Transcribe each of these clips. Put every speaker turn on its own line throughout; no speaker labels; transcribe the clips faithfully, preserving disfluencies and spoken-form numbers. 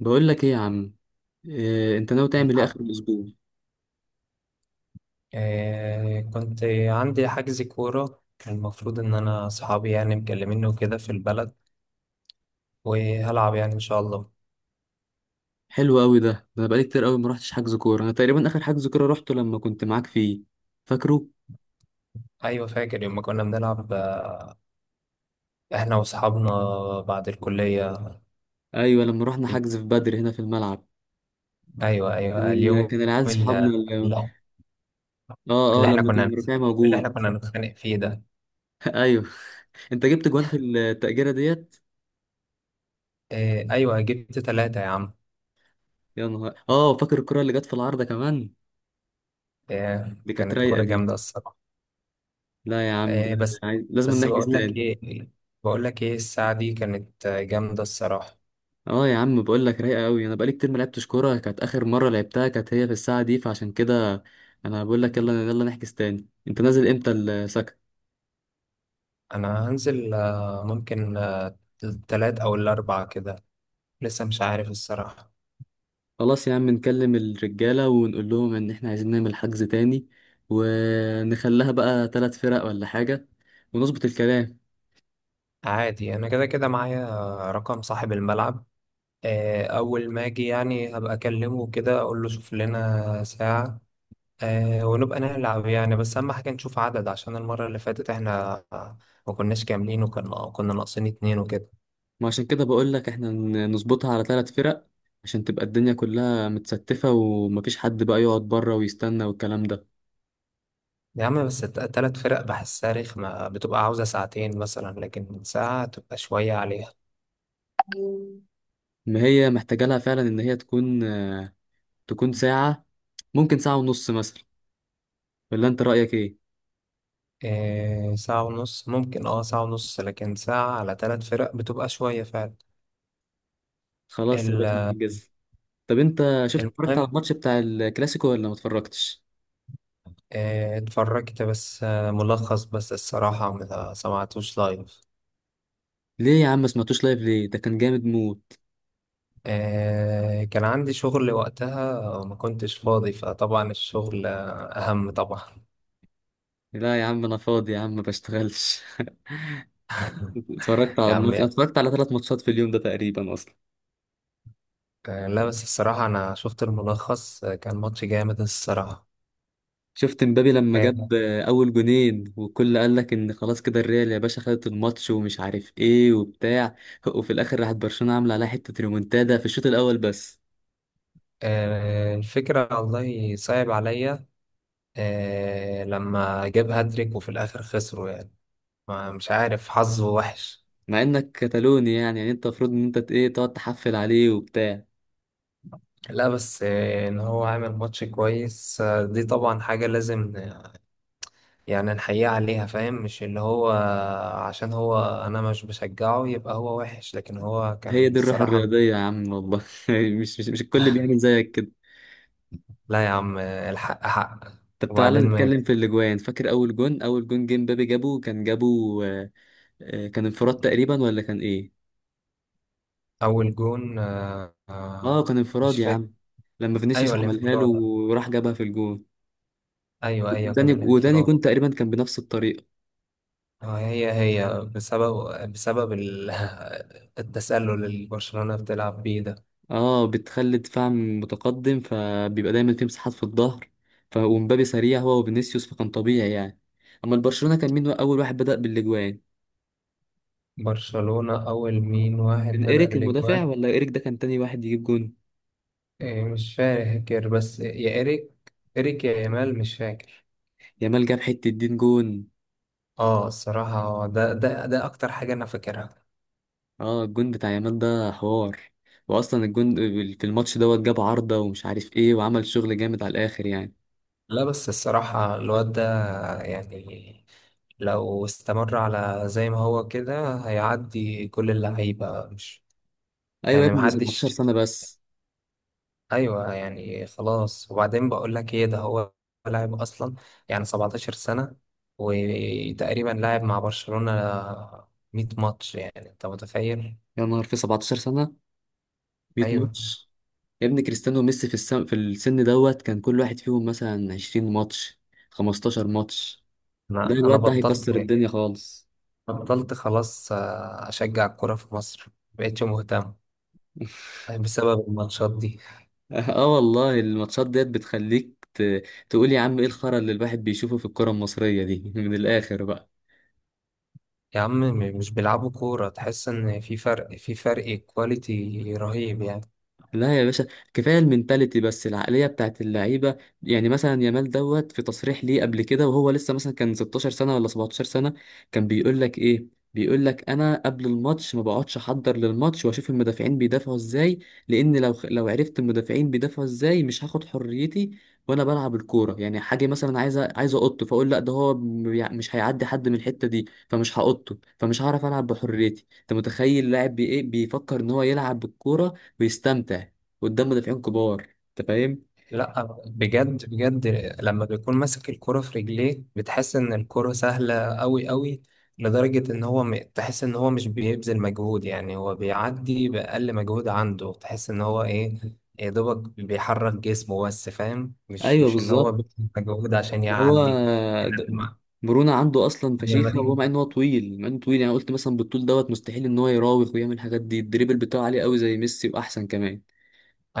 بقول لك ايه يا عم؟ إيه انت ناوي تعمل ايه
الحق.
اخر الاسبوع؟
آه كنت عندي حجز كورة. كان المفروض إن أنا أصحابي يعني مكلميني وكده في البلد، وهلعب يعني إن شاء الله.
حلو قوي. ده ده انا بقالي كتير قوي ما رحتش حجز كوره، انا تقريبا اخر حجز كوره رحته لما كنت معاك فيه، فاكره؟
أيوة، فاكر يوم ما كنا بنلعب، آه، إحنا وأصحابنا بعد الكلية.
ايوه، لما رحنا حجز في بدر هنا في الملعب.
أيوة
كان
أيوة
ال-
اليوم
كان العيال صحابنا
اللي,
اللي... اه، اه،
اللي إحنا
لما كان
كنا
رفيع
اللي إحنا
موجود.
كنا نتخانق فيه ده.
ايوه. انت جبت جوان في التأجيرة ديت؟
آه أيوة، جبت ثلاثة يا عم.
يا نهار! اه، فاكر الكرة اللي جت في العارضة كمان؟
آه
دي كانت
كانت
رايقة
كورة
دي.
جامدة الصراحة.
لا يا عم، ده
آه. بس
عايز- لازم
بس
نحجز
بقول لك
تاني.
إيه، بقول لك إيه، الساعة دي كانت آه، جامدة الصراحة.
اه يا عم، بقول لك رايقه قوي، انا بقالي كتير ما لعبتش كوره، كانت اخر مره لعبتها كانت هي في الساعه دي، فعشان كده انا بقول لك يلا يلا نحجز تاني. انت نازل امتى السكن؟
انا هنزل، آه، ممكن آه، التلات او الاربع كده. لسه مش عارف الصراحة.
خلاص يا عم، نكلم الرجاله ونقول لهم ان احنا عايزين نعمل حجز تاني، ونخليها بقى ثلاث فرق ولا حاجه، ونظبط الكلام.
عادي، انا كده كده معايا آه، رقم صاحب الملعب. آه، اول ما اجي يعني هبقى اكلمه كده، اقول له شوف لنا ساعة، آه، ونبقى نلعب يعني. بس اهم حاجة نشوف عدد، عشان المرة اللي فاتت احنا ما كناش كاملين، وكنا كنا ناقصين اتنين وكده.
ما عشان كده بقول لك احنا ن- نظبطها على ثلاث فرق، عشان تبقى الدنيا كلها متستفه ومفيش حد بقى يقعد بره ويستنى والكلام ده.
يا عم بس الت- التلات فرق بحسها رخمة، بتبقى عاوزة ساعتين مثلا، لكن ساعة تبقى شوية عليها.
ما هي محتاجة لها فعلا إن هي تكون، تكون ساعة، ممكن ساعة ونص مثلا، ولا انت رأيك ايه؟
إيه، ساعة ونص ممكن، اه ساعة ونص، لكن ساعة على ثلاث فرق بتبقى شوية فعلا.
خلاص يا باشا
ال-
نحجز. طب انت شفت، اتفرجت
المهم،
على الماتش بتاع الكلاسيكو ولا ما اتفرجتش؟
إيه، اتفرجت بس آه، ملخص بس الصراحة، ما سمعتوش لايف.
ليه يا عم ما سمعتوش لايف؟ ليه؟ ده كان جامد موت.
إيه، كان عندي شغل وقتها وما كنتش فاضي، فطبعا الشغل آه، أهم طبعا.
لا يا عم انا فاضي يا عم، ما بشتغلش. اتفرجت على
يا عم،
الماتش، اتفرجت على ثلاث ماتشات في اليوم ده تقريبا اصلا.
آه، لا بس الصراحة أنا شفت الملخص، آه، كان ماتش جامد الصراحة.
شفت مبابي لما
آه،
جاب اول جونين والكل قال لك ان خلاص كده الريال يا باشا خدت الماتش ومش عارف ايه وبتاع، وفي الاخر راحت برشلونة عامله عليها حتة ريمونتادا في الشوط الاول بس.
آه، الفكرة والله صعب عليا، آه، لما جاب هاتريك وفي الآخر خسروا يعني. ما مش عارف، حظه وحش.
مع انك كتالوني يعني، يعني انت المفروض ان انت ت- ايه تقعد تحفل عليه وبتاع.
لا بس آه، ان هو عامل ماتش كويس، آه، دي طبعا حاجة لازم، آه، يعني نحييه عليها، فاهم؟ مش اللي هو، عشان هو، انا مش بشجعه يبقى هو وحش، لكن هو
هي
كان
دي الروح
الصراحة.
الرياضية يا عم والله. مش مش مش الكل بيعمل زيك كده.
لا يا عم، آه، الحق حق.
طب تعالى
وبعدين ما
نتكلم في الاجوان. فاكر اول جون؟ اول جون جيم بابي جابه، كان جابه. آه، آه، كان انفراد تقريبا ولا كان ايه؟
اول جون، آه، آه،
اه كان انفراد
مش
يا
فاكر.
عم، لما
ايوه
فينيسيوس عملها له
الانفراد.
وراح جابها في الجون.
ايوه ايوه، كان
وتاني وتاني
الانفراد.
جون تقريبا كان بنفس الطريقة.
آه، هي هي بسبب بسبب ال- التسلل اللي برشلونة بتلعب بيه ده.
اه، بتخلي دفاع متقدم فبيبقى دايما في مساحات في الظهر. ف- ومبابي سريع هو وفينيسيوس، فكان طبيعي يعني. اما البرشلونة كان مين اول واحد بدأ بالاجوان؟
برشلونة أول مين واحد
كان
بدأ
ايريك المدافع،
بالإجوان؟
ولا ايريك ده كان تاني واحد يجيب جون؟
إيه مش فاكر، بس يا إيريك، إيريك يا يامال، مش فاكر.
يامال جاب حتة دين جون.
اه الصراحة هو ده، ده ده أكتر حاجة أنا فاكرها.
اه الجون بتاع يامال ده حوار، واصلا الجون في الماتش دوت جاب عارضة ومش عارف ايه وعمل شغل جامد على الاخر يعني.
لا بس الصراحة الواد ده يعني، لو استمر على زي ما هو كده هيعدي كل اللعيبة، مش
ايوه يا
يعني
ابني، سبعتاشر
محدش.
سنة بس!
ايوه يعني، خلاص. وبعدين بقول لك ايه، ده هو لاعب اصلا، يعني سبعتاشر سنه، وتقريبا لاعب مع برشلونه ميت ماتش، يعني انت متخيل؟
يا نهار، في سبعتاشر سنة ميت
ايوه،
ماتش! يا ابني كريستيانو وميسي في السن، في السن دوت كان كل واحد فيهم مثلا عشرين ماتش، خمستاشر ماتش. ده
انا انا
الواد ده
بطلت،
هيكسر الدنيا خالص.
بطلت خلاص آه، اشجع الكوره في مصر، مبقتش مهتم. طيب، بسبب الماتشات دي.
اه والله الماتشات ديت بتخليك ت... تقول يا عم ايه الخرا اللي الواحد بيشوفه في الكرة المصرية دي. من الآخر بقى.
يا عم، م- مش بيلعبوا كوره، تحس ان في فرق، في فرق كواليتي رهيب يعني.
لا يا باشا، كفايه المنتاليتي بس، العقليه بتاعت اللعيبه. يعني مثلا يامال دوت في تصريح ليه قبل كده وهو لسه مثلا كان ستاشر سنه ولا سبعتاشر سنه، كان بيقول لك ايه؟ بيقول لك انا قبل الماتش ما بقعدش احضر للماتش واشوف المدافعين بيدافعوا ازاي، لان لو لو عرفت المدافعين بيدافعوا ازاي مش هاخد حريتي وانا بلعب الكوره. يعني حاجه مثلا عايز عايز اقط، فاقول لا ده هو بيع- مش هيعدي حد من الحته دي، فمش هقطه، فمش هعرف العب بحريتي. انت متخيل لاعب بي ايه بيفكر ان هو يلعب بالكوره، بيستمتع قدام مدافعين كبار؟ انت فاهم؟
لا بجد بجد، لما بيكون ماسك الكرة في رجليه بتحس ان الكرة سهلة قوي قوي، لدرجة ان هو م... تحس ان هو مش بيبذل مجهود، يعني هو بيعدي بأقل مجهود عنده، تحس ان هو ايه، يا دوبك بيحرك جسمه بس، فاهم؟ مش
ايوه
مش اللي هو
بالظبط.
بيبذل مجهود عشان
هو
يعدي. احنا
د-
لما
مرونة عنده اصلا
لما
فشيخة، وهو
نيجي،
مع ان هو طويل، مع انه طويل، يعني قلت مثلا بالطول دوت مستحيل ان هو يراوغ ويعمل الحاجات دي. الدريبل بتاعه عالي قوي زي ميسي واحسن كمان.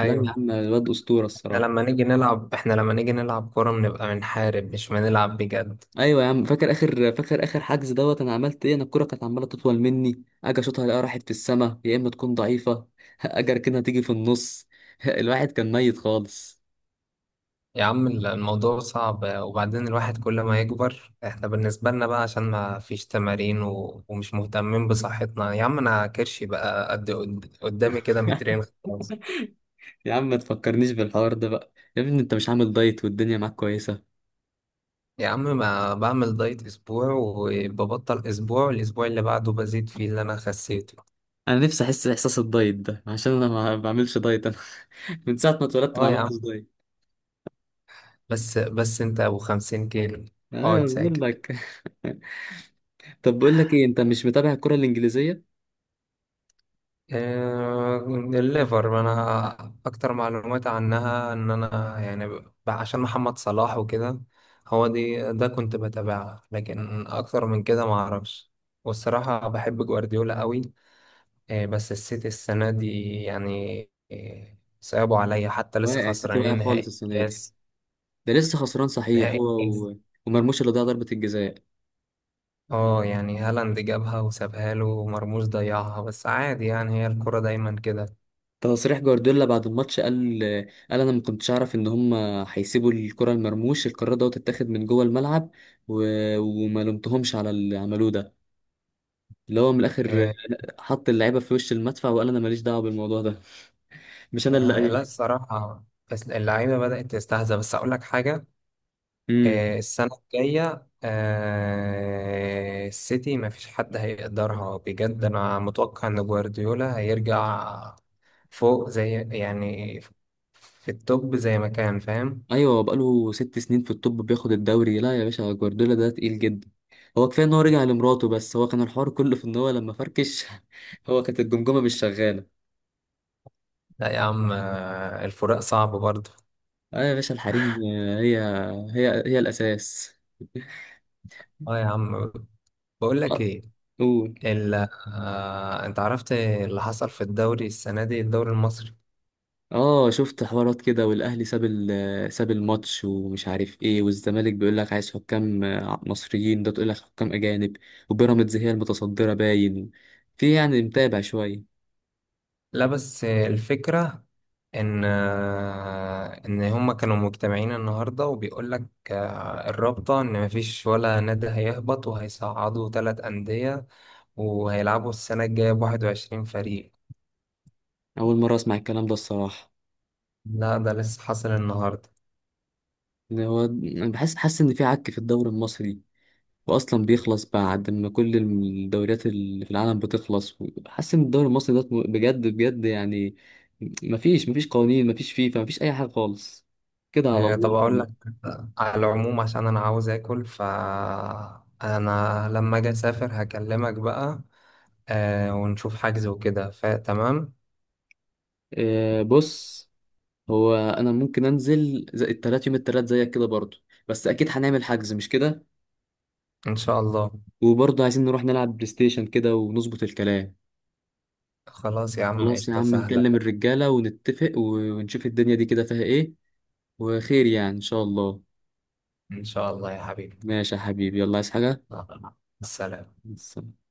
لا يا عم الواد اسطورة
احنا
الصراحة.
لما نيجي نلعب، احنا لما نيجي نلعب كرة بنبقى بنحارب مش بنلعب بجد.
ايوه يا عم، فاكر اخر فاكر اخر حجز دوت انا عملت ايه؟ انا الكرة كانت عمالة تطول مني، اجي اشوطها الاقيها راحت في السما، يا اما تكون ضعيفة. اجي اركنها تيجي في النص. الواحد كان ميت خالص.
يا عم الموضوع صعب، وبعدين الواحد كل ما يكبر، احنا بالنسبة لنا بقى عشان ما فيش تمارين و... ومش مهتمين بصحتنا. يا عم انا كرشي بقى قد قد- قدامي كده مترين. خلاص.
يا عم ما تفكرنيش بالحوار ده بقى. يا ابني انت مش عامل دايت والدنيا معاك كويسة؟
يا عم ما بعمل دايت اسبوع وببطل اسبوع، الاسبوع اللي بعده بزيد فيه اللي انا خسيته.
انا نفسي احس باحساس الدايت ده، عشان انا ما بعملش دايت انا. من ساعة ما اتولدت ما
اه يا عم،
عملتش دايت.
بس بس انت ابو خمسين كيلو،
انا
اقعد
بقول
ساكت.
لك. طب بقول لك ايه، انت مش متابع الكرة الانجليزية؟
آه، الليفر، ما انا اكتر معلومات عنها ان انا يعني، ب- عشان محمد صلاح وكده، هو دي ده كنت بتابعها، لكن اكتر من كده ما اعرفش. والصراحة بحب جوارديولا قوي، آه، بس السيتي السنة دي يعني، آه، صعبوا عليا، حتى لسه
واقع السيتي، واقع
خسرانين
خالص
نهائي
السنة دي.
الكاس.
ده لسه خسران صحيح
نهائي
هو،
الكاس.
و... ومرموش اللي ضيع ضربة الجزاء.
اه يعني هالاند جابها وسابها له ومرموش ضيعها، بس عادي يعني، هي الكرة دايما كده.
تصريح جوارديولا بعد الماتش، قال قال انا ما كنتش اعرف ان هم هيسيبوا الكرة لمرموش، القرار ده تتاخد من جوه الملعب، و... وما لومتهمش على اللي عملوه ده، اللي هو من الاخر
آه،
حط اللعيبه في وش المدفع، وقال انا ماليش دعوه بالموضوع ده، مش انا اللي
آه، لا
قايل.
الصراحة، بس اللعيبة بدأت تستهزأ. بس أقول لك حاجة،
امم
آه، السنة الجاية آه، السيتي مفيش حد هيقدرها بجد، أنا متوقع إن جوارديولا هيرجع فوق، زي يعني، في التوب زي ما كان، فاهم؟
ايوه، هو بقاله ست سنين في التوب بياخد الدوري. لا يا باشا، جوارديولا ده تقيل جدا. هو كفايه ان هو رجع لمراته، بس هو كان الحوار كله في ان هو لما فركش، هو كانت الجمجمه مش شغاله.
لا يا عم آه، الفراق صعب برضه.
اه يا باشا، الحريم هي هي هي الاساس.
اه يا عم، بقول لك
آه،
ايه،
قول.
ال... آه، انت عرفت اللي حصل في الدوري السنة دي، الدوري المصري؟
اه شفت حوارات كده، والاهلي ساب ال- ساب الماتش ومش عارف ايه، والزمالك بيقول لك عايز حكام آه، مصريين، ده تقول لك حكام اجانب. وبيراميدز هي المتصدره باين. في يعني، متابع شويه.
لا بس الفكرة إن آه، إن هما كانوا مجتمعين النهاردة، وبيقول لك آه، الرابطة إن مفيش ولا نادي هيهبط، وهيصعدوا تلات أندية، وهيلعبوا السنة الجاية بواحد وعشرين فريق.
اول مره اسمع الكلام ده الصراحه.
لا ده لسه حاصل النهاردة.
إن هو انا بحس، حاسس ان في عك في الدوري المصري، واصلا بيخلص بعد ما كل الدوريات اللي في العالم بتخلص. حاسس ان الدوري المصري ده بجد بجد يعني، مفيش مفيش قوانين، مفيش فيفا، مفيش اي حاجه خالص، كده على
آه، طب
الله
أقول
كله.
لك، على العموم عشان أنا عاوز آكل، فأنا لما أجي أسافر هكلمك بقى، آه، ونشوف حجز وكده، فتمام.
آه بص، هو انا ممكن انزل زي التلات، يوم التلات زيك كده برضه، بس اكيد هنعمل حجز مش كده؟
إن شاء الله.
وبرضه عايزين نروح نلعب بلاي ستيشن كده ونظبط الكلام.
خلاص يا عم،
خلاص يا
قشطة
عم،
سهلة.
نكلم الرجالة ونتفق و- ونشوف الدنيا دي كده فيها ايه، وخير يعني ان شاء الله.
إن شاء الله يا حبيبي.
ماشي يا حبيبي، يلا عايز حاجة؟
مع السلامة.
مع السلامة.